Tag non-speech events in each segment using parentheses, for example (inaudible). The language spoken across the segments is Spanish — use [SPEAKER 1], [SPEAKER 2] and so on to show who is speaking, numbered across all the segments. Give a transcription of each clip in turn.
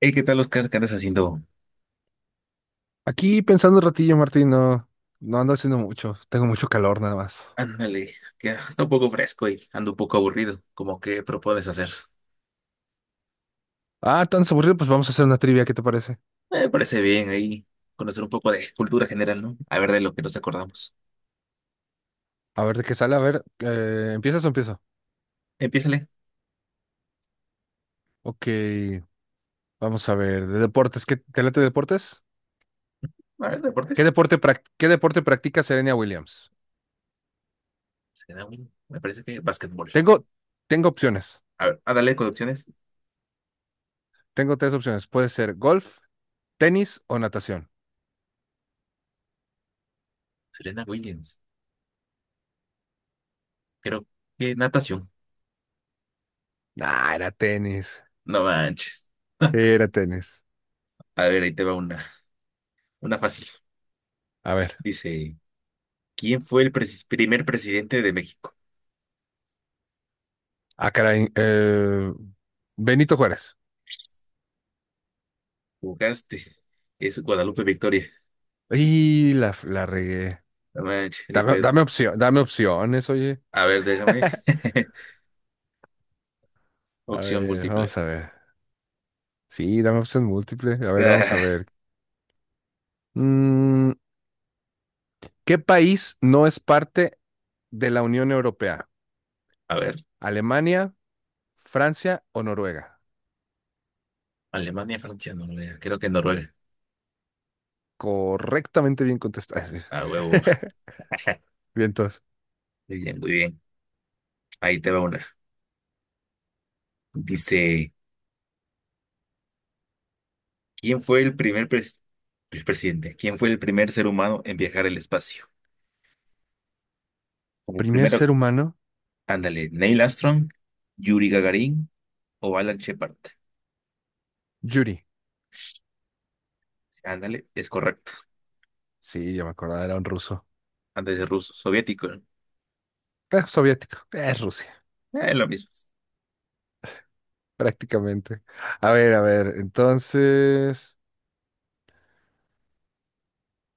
[SPEAKER 1] Hey, ¿qué tal, Oscar? ¿Qué andas haciendo?
[SPEAKER 2] Aquí pensando un ratillo, Martín, no ando haciendo mucho. Tengo mucho calor nada más.
[SPEAKER 1] Ándale, que está un poco fresco y ando un poco aburrido. ¿Cómo que propones hacer?
[SPEAKER 2] Ah, tan aburrido, pues vamos a hacer una trivia, ¿qué te parece?
[SPEAKER 1] Me parece bien ahí conocer un poco de cultura general, ¿no? A ver de lo que nos acordamos.
[SPEAKER 2] A ver de qué sale, a ver, ¿empiezas o empiezo?
[SPEAKER 1] Empiézale.
[SPEAKER 2] Ok, vamos a ver, de deportes, ¿qué te late deportes?
[SPEAKER 1] A ver,
[SPEAKER 2] ¿Qué
[SPEAKER 1] deportes.
[SPEAKER 2] deporte practica Serena Williams?
[SPEAKER 1] Serena Williams. Me parece que básquetbol.
[SPEAKER 2] Tengo, tengo opciones,
[SPEAKER 1] A ver, a darle con opciones.
[SPEAKER 2] tengo tres opciones. Puede ser golf, tenis o natación.
[SPEAKER 1] Serena Williams. Creo que natación.
[SPEAKER 2] Ah, era tenis,
[SPEAKER 1] No manches.
[SPEAKER 2] era tenis.
[SPEAKER 1] A ver, ahí te va una fácil.
[SPEAKER 2] A ver,
[SPEAKER 1] Dice, ¿quién fue el presi- ¿primer presidente de México?
[SPEAKER 2] ah, caray, Benito Juárez.
[SPEAKER 1] Jugaste. Es Guadalupe Victoria.
[SPEAKER 2] Y la regué.
[SPEAKER 1] No
[SPEAKER 2] Dame,
[SPEAKER 1] manches.
[SPEAKER 2] dame opción, dame opciones, oye.
[SPEAKER 1] A ver, déjame.
[SPEAKER 2] (laughs)
[SPEAKER 1] (laughs)
[SPEAKER 2] A
[SPEAKER 1] Opción
[SPEAKER 2] ver,
[SPEAKER 1] múltiple.
[SPEAKER 2] vamos a ver. Sí, dame opción múltiple. A ver, vamos a
[SPEAKER 1] Ah,
[SPEAKER 2] ver. Mm, ¿Qué país no es parte de la Unión Europea?
[SPEAKER 1] A ver,
[SPEAKER 2] ¿Alemania, Francia o Noruega?
[SPEAKER 1] Alemania, Francia, Noruega. Creo que Noruega.
[SPEAKER 2] Correctamente bien contestada.
[SPEAKER 1] A huevo. (laughs)
[SPEAKER 2] (laughs) Bien, entonces.
[SPEAKER 1] Muy bien, muy bien. Ahí te va una. Dice, ¿quién fue el primer pres- ¿el presidente? ¿Quién fue el primer ser humano en viajar al espacio? Como
[SPEAKER 2] Primer
[SPEAKER 1] primero,
[SPEAKER 2] ser humano,
[SPEAKER 1] ándale, ¿Neil Armstrong, Yuri Gagarin o Alan Shepard?
[SPEAKER 2] Yuri.
[SPEAKER 1] Ándale, es correcto.
[SPEAKER 2] Sí, ya me acordaba, era un ruso.
[SPEAKER 1] Antes de ruso, soviético, ¿no?
[SPEAKER 2] Soviético. Es Rusia,
[SPEAKER 1] Es lo mismo.
[SPEAKER 2] prácticamente. A ver, entonces.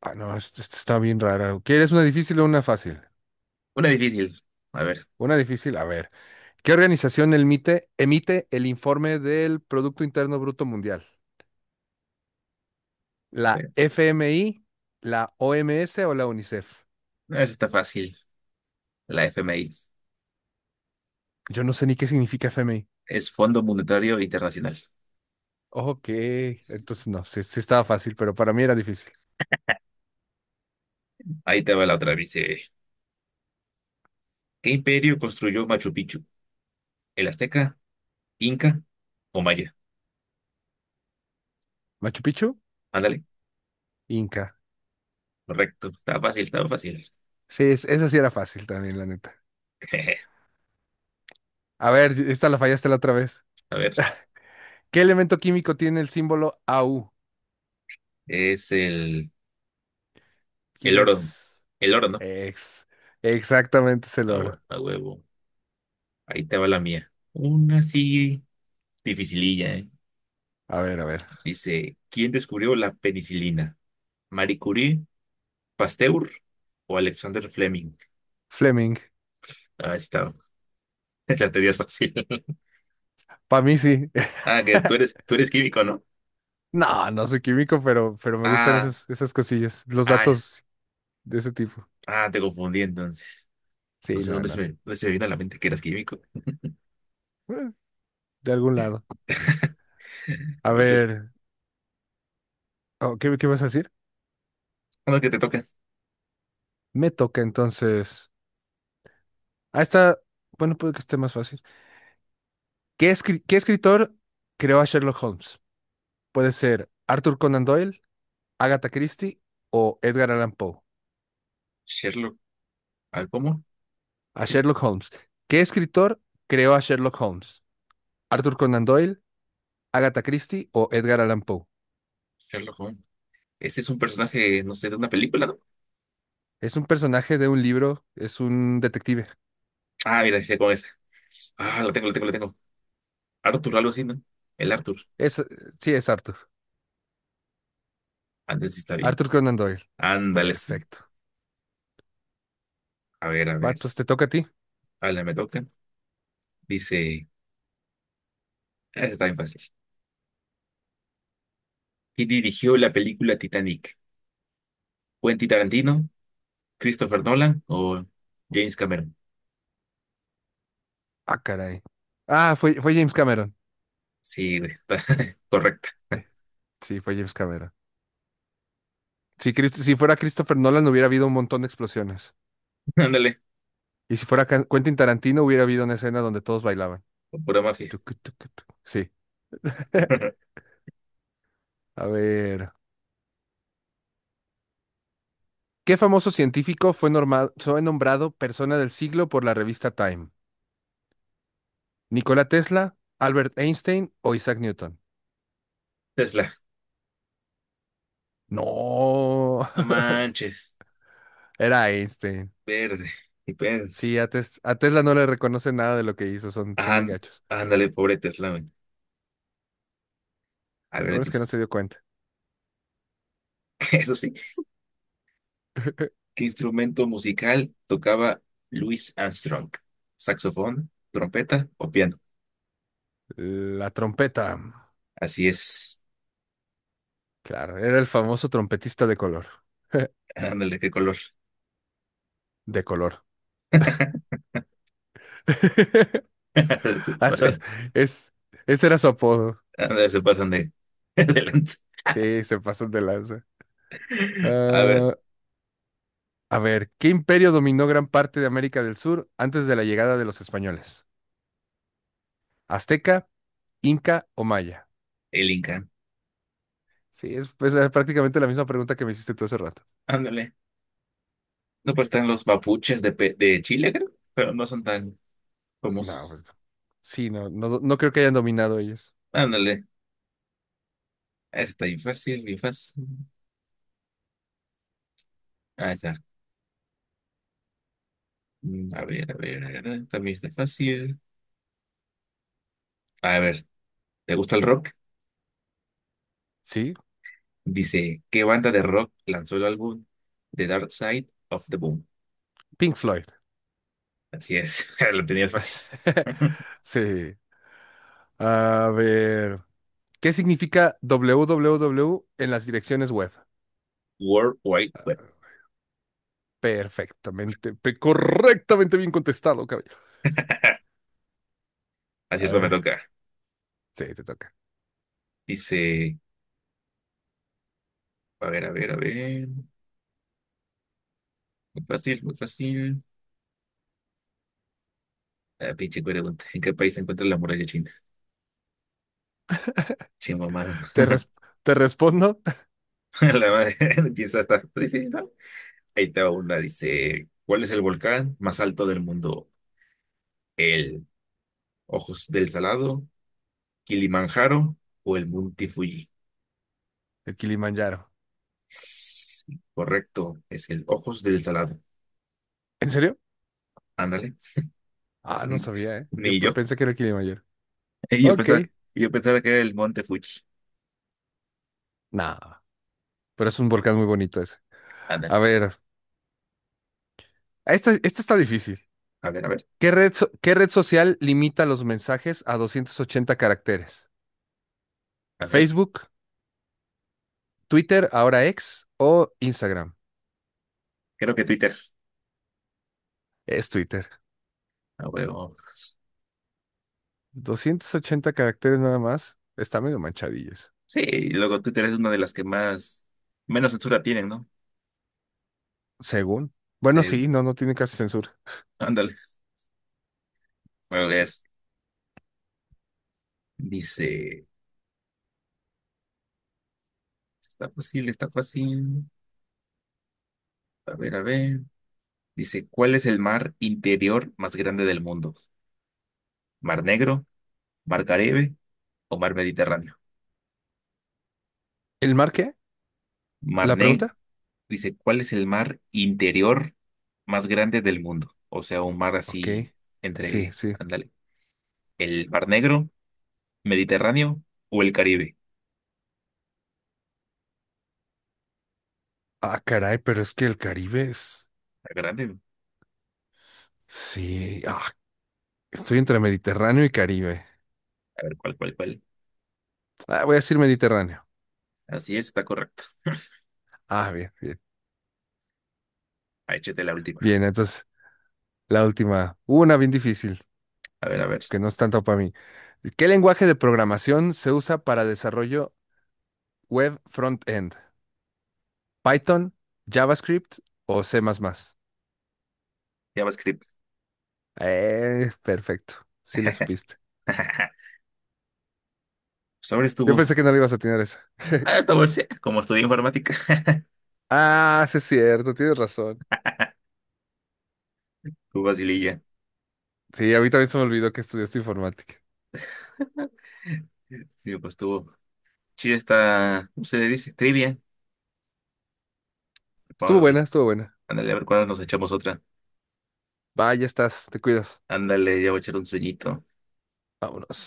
[SPEAKER 2] Ah, no, esta está bien rara. ¿Quieres una difícil o una fácil?
[SPEAKER 1] Una difícil. A ver,
[SPEAKER 2] Una difícil, a ver. ¿Qué organización emite el informe del Producto Interno Bruto Mundial? ¿La
[SPEAKER 1] eh,
[SPEAKER 2] FMI, la OMS o la UNICEF?
[SPEAKER 1] no, esa está fácil. La FMI.
[SPEAKER 2] Yo no sé ni qué significa FMI.
[SPEAKER 1] Es Fondo Monetario Internacional.
[SPEAKER 2] Ok, entonces no, sí, sí estaba fácil, pero para mí era difícil.
[SPEAKER 1] Ahí te va la otra. Dice, ¿qué imperio construyó Machu Picchu? ¿El Azteca, Inca o Maya?
[SPEAKER 2] ¿Machu Picchu?
[SPEAKER 1] Ándale,
[SPEAKER 2] Inca.
[SPEAKER 1] correcto. Estaba fácil, estaba fácil.
[SPEAKER 2] Sí, esa sí era fácil también, la neta.
[SPEAKER 1] (laughs)
[SPEAKER 2] A ver, si, esta la fallaste la otra vez.
[SPEAKER 1] A ver,
[SPEAKER 2] ¿Qué elemento químico tiene el símbolo AU?
[SPEAKER 1] es el, el oro.
[SPEAKER 2] ¿Quieres?
[SPEAKER 1] El oro, ¿no?
[SPEAKER 2] Ex. Exactamente, es el oro.
[SPEAKER 1] A huevo. Ahí te va la mía. Una así dificililla, ¿eh?
[SPEAKER 2] A ver, a ver.
[SPEAKER 1] Dice, ¿quién descubrió la penicilina? ¿Marie Curie, Pasteur o Alexander Fleming?
[SPEAKER 2] Fleming.
[SPEAKER 1] Ah, está. (laughs) La teoría es fácil. (laughs)
[SPEAKER 2] Para mí sí.
[SPEAKER 1] Ah, que
[SPEAKER 2] (laughs)
[SPEAKER 1] tú eres químico, ¿no?
[SPEAKER 2] No, no soy químico, pero me gustan
[SPEAKER 1] Ah,
[SPEAKER 2] esas cosillas, los
[SPEAKER 1] ah,
[SPEAKER 2] datos de ese tipo.
[SPEAKER 1] Ah, te confundí entonces. No
[SPEAKER 2] Sí,
[SPEAKER 1] sé
[SPEAKER 2] no, no.
[SPEAKER 1] dónde se me vino a la mente que eras químico.
[SPEAKER 2] Bueno, de algún lado.
[SPEAKER 1] (laughs)
[SPEAKER 2] A
[SPEAKER 1] Ahorita,
[SPEAKER 2] ver, oh, ¿qué vas a decir?
[SPEAKER 1] a lo que te toca.
[SPEAKER 2] Me toca entonces. Ah, está. Bueno, puede que esté más fácil. ¿Qué escritor creó a Sherlock Holmes? Puede ser Arthur Conan Doyle, Agatha Christie o Edgar Allan Poe.
[SPEAKER 1] Sherlock. A ver, ¿cómo?
[SPEAKER 2] A
[SPEAKER 1] ¿Qué es
[SPEAKER 2] Sherlock Holmes. ¿Qué escritor creó a Sherlock Holmes? ¿Arthur Conan Doyle, Agatha Christie o Edgar Allan Poe?
[SPEAKER 1] Sherlock Holmes? Este es un personaje, no sé, de una película, ¿no?
[SPEAKER 2] Es un personaje de un libro, es un detective.
[SPEAKER 1] Ah, mira, ya con esa. Ah, lo tengo. Arthur, algo así, ¿no? El Arthur.
[SPEAKER 2] Es, sí, es Arthur.
[SPEAKER 1] Antes sí está bien.
[SPEAKER 2] Arthur Conan Doyle.
[SPEAKER 1] Ándale, sí.
[SPEAKER 2] Perfecto.
[SPEAKER 1] A ver, a
[SPEAKER 2] Va,
[SPEAKER 1] ver.
[SPEAKER 2] entonces te toca a ti.
[SPEAKER 1] Ahora me toca. Dice, ah, esa está bien fácil. ¿Quién dirigió la película Titanic? ¿Quentin Tarantino, Christopher Nolan o James Cameron?
[SPEAKER 2] Ah, caray. Ah, fue James Cameron.
[SPEAKER 1] Sí, güey, está (laughs) correcta.
[SPEAKER 2] Eh, Sí, fue James Cameron. Si fuera Christopher Nolan, hubiera habido un montón de explosiones.
[SPEAKER 1] Ándale,
[SPEAKER 2] Y si fuera Quentin Tarantino, hubiera habido una escena donde todos bailaban.
[SPEAKER 1] pura mafia.
[SPEAKER 2] Tucu, tucu, tucu. Sí. (laughs)
[SPEAKER 1] (laughs)
[SPEAKER 2] A ver. ¿Qué famoso científico fue nombrado persona del siglo por la revista Time? ¿Nikola Tesla, Albert Einstein o Isaac Newton?
[SPEAKER 1] Tesla,
[SPEAKER 2] No,
[SPEAKER 1] no manches,
[SPEAKER 2] (laughs) era Einstein.
[SPEAKER 1] verde, y pues,
[SPEAKER 2] Sí, a Tesla no le reconoce nada de lo que hizo, son bien
[SPEAKER 1] ajá,
[SPEAKER 2] gachos.
[SPEAKER 1] ándale, pobre Tesla, güey. A
[SPEAKER 2] Lo
[SPEAKER 1] ver,
[SPEAKER 2] bueno es que no
[SPEAKER 1] dice,
[SPEAKER 2] se dio cuenta.
[SPEAKER 1] (laughs) eso sí,
[SPEAKER 2] (laughs)
[SPEAKER 1] ¿qué instrumento musical tocaba Louis Armstrong? ¿Saxofón, trompeta o piano?
[SPEAKER 2] La trompeta.
[SPEAKER 1] Así es,
[SPEAKER 2] Claro, era el famoso trompetista de color. (laughs)
[SPEAKER 1] ándale, qué color.
[SPEAKER 2] De color. (laughs)
[SPEAKER 1] (laughs) Se
[SPEAKER 2] As- Es,
[SPEAKER 1] pasan,
[SPEAKER 2] es- ese era su apodo.
[SPEAKER 1] ándale, (laughs) adelante.
[SPEAKER 2] Sí, se pasó de lanza.
[SPEAKER 1] A ver,
[SPEAKER 2] Ah, a ver, ¿qué imperio dominó gran parte de América del Sur antes de la llegada de los españoles? ¿Azteca, Inca o Maya?
[SPEAKER 1] el Inca,
[SPEAKER 2] Sí, es pues, era prácticamente la misma pregunta que me hiciste tú hace rato.
[SPEAKER 1] ándale. No, pues están los mapuches de, de Chile, creo, pero no son tan
[SPEAKER 2] No,
[SPEAKER 1] famosos.
[SPEAKER 2] pues, sí, no, no, no creo que hayan dominado ellos.
[SPEAKER 1] Ándale, ese está bien fácil, bien fácil. Ah, está. Mm, a ver, también está fácil. A ver, ¿te gusta el rock?
[SPEAKER 2] Sí,
[SPEAKER 1] Dice, ¿qué banda de rock lanzó el álbum The Dark Side of the Moon?
[SPEAKER 2] Pink Floyd.
[SPEAKER 1] Así es, (laughs) lo tenías fácil.
[SPEAKER 2] (laughs)
[SPEAKER 1] (laughs)
[SPEAKER 2] Sí. A ver, ¿qué significa WWW en las direcciones web?
[SPEAKER 1] World Wide Web.
[SPEAKER 2] Correctamente bien contestado, caballero. A
[SPEAKER 1] Acierto, me
[SPEAKER 2] ver,
[SPEAKER 1] toca.
[SPEAKER 2] sí, te toca.
[SPEAKER 1] Dice, a ver. Muy fácil, muy fácil. La pinche pregunta. ¿En qué país se encuentra la muralla china? Chimamada.
[SPEAKER 2] Te, res- te respondo,
[SPEAKER 1] (laughs) La madre (laughs) empieza a estar difícil, ¿no? Ahí te va una. Dice, ¿cuál es el volcán más alto del mundo? ¿El Ojos del Salado, Kilimanjaro o el Monte Fuji?
[SPEAKER 2] (laughs) el Kilimanjaro.
[SPEAKER 1] Sí, correcto, es el Ojos del Salado.
[SPEAKER 2] ¿En serio?
[SPEAKER 1] Ándale.
[SPEAKER 2] Ah, no
[SPEAKER 1] Mm,
[SPEAKER 2] sabía, ¿eh? Yo
[SPEAKER 1] ni yo.
[SPEAKER 2] pensé que era el Kilimanjaro.
[SPEAKER 1] (laughs) Eh, Yo
[SPEAKER 2] Ok,
[SPEAKER 1] pensaba, yo pensaba que era el Monte Fuji.
[SPEAKER 2] nada, pero es un volcán muy bonito ese.
[SPEAKER 1] Ándale.
[SPEAKER 2] A ver, esta está difícil.
[SPEAKER 1] A ver, a ver,
[SPEAKER 2] ¿Qué red social limita los mensajes a 280 caracteres?
[SPEAKER 1] a ver.
[SPEAKER 2] ¿Facebook, Twitter, ahora X o Instagram?
[SPEAKER 1] Creo que Twitter.
[SPEAKER 2] Es Twitter.
[SPEAKER 1] A huevo.
[SPEAKER 2] 280 caracteres nada más. Está medio manchadillo eso.
[SPEAKER 1] Sí, y luego Twitter es una de menos censura tienen, ¿no?
[SPEAKER 2] Según. Bueno,
[SPEAKER 1] Sí,
[SPEAKER 2] sí, no tiene casi censura.
[SPEAKER 1] ándale. A ver. Dice, está fácil, está fácil. A ver, a ver. Dice, ¿cuál es el mar interior más grande del mundo? ¿Mar Negro, Mar Caribe o mar Mediterráneo?
[SPEAKER 2] ¿El mar qué? ¿La
[SPEAKER 1] Marné
[SPEAKER 2] pregunta?
[SPEAKER 1] dice, ¿cuál es el mar interior más grande del mundo? O sea, un mar
[SPEAKER 2] Ok.
[SPEAKER 1] así
[SPEAKER 2] Sí, sí.
[SPEAKER 1] ándale, ¿el Mar Negro, Mediterráneo o el Caribe?
[SPEAKER 2] Ah, caray, pero es que el Caribe es.
[SPEAKER 1] Está grande, ¿no?
[SPEAKER 2] Sí, ah, estoy entre Mediterráneo y Caribe.
[SPEAKER 1] A ver, ¿cuál?
[SPEAKER 2] Ah, voy a decir Mediterráneo.
[SPEAKER 1] Así es, está correcto.
[SPEAKER 2] Ah, bien, bien.
[SPEAKER 1] Ah, échate la última.
[SPEAKER 2] Bien, entonces la última, una bien difícil,
[SPEAKER 1] A ver, a ver.
[SPEAKER 2] que no es tanto para mí. ¿Qué lenguaje de programación se usa para desarrollo web front-end? ¿Python, JavaScript o C++?
[SPEAKER 1] JavaScript.
[SPEAKER 2] Perfecto, sí le supiste.
[SPEAKER 1] (laughs) Sobre
[SPEAKER 2] Yo
[SPEAKER 1] estuvo.
[SPEAKER 2] pensé que no le ibas a tener esa.
[SPEAKER 1] Ah, estuvo, sí, como estudié informática. (laughs)
[SPEAKER 2] Ah, sí es cierto, tienes razón.
[SPEAKER 1] Tu facililla.
[SPEAKER 2] Sí, a mí también se me olvidó que estudiaste informática.
[SPEAKER 1] Sí, pues estuvo. Chile está, ¿cómo se le dice? Trivia.
[SPEAKER 2] Estuvo
[SPEAKER 1] Vámonos,
[SPEAKER 2] buena, estuvo buena.
[SPEAKER 1] ándale, a ver cuándo nos echamos otra.
[SPEAKER 2] Va, ya estás, te cuidas.
[SPEAKER 1] Ándale, ya voy a echar un sueñito.
[SPEAKER 2] Vámonos.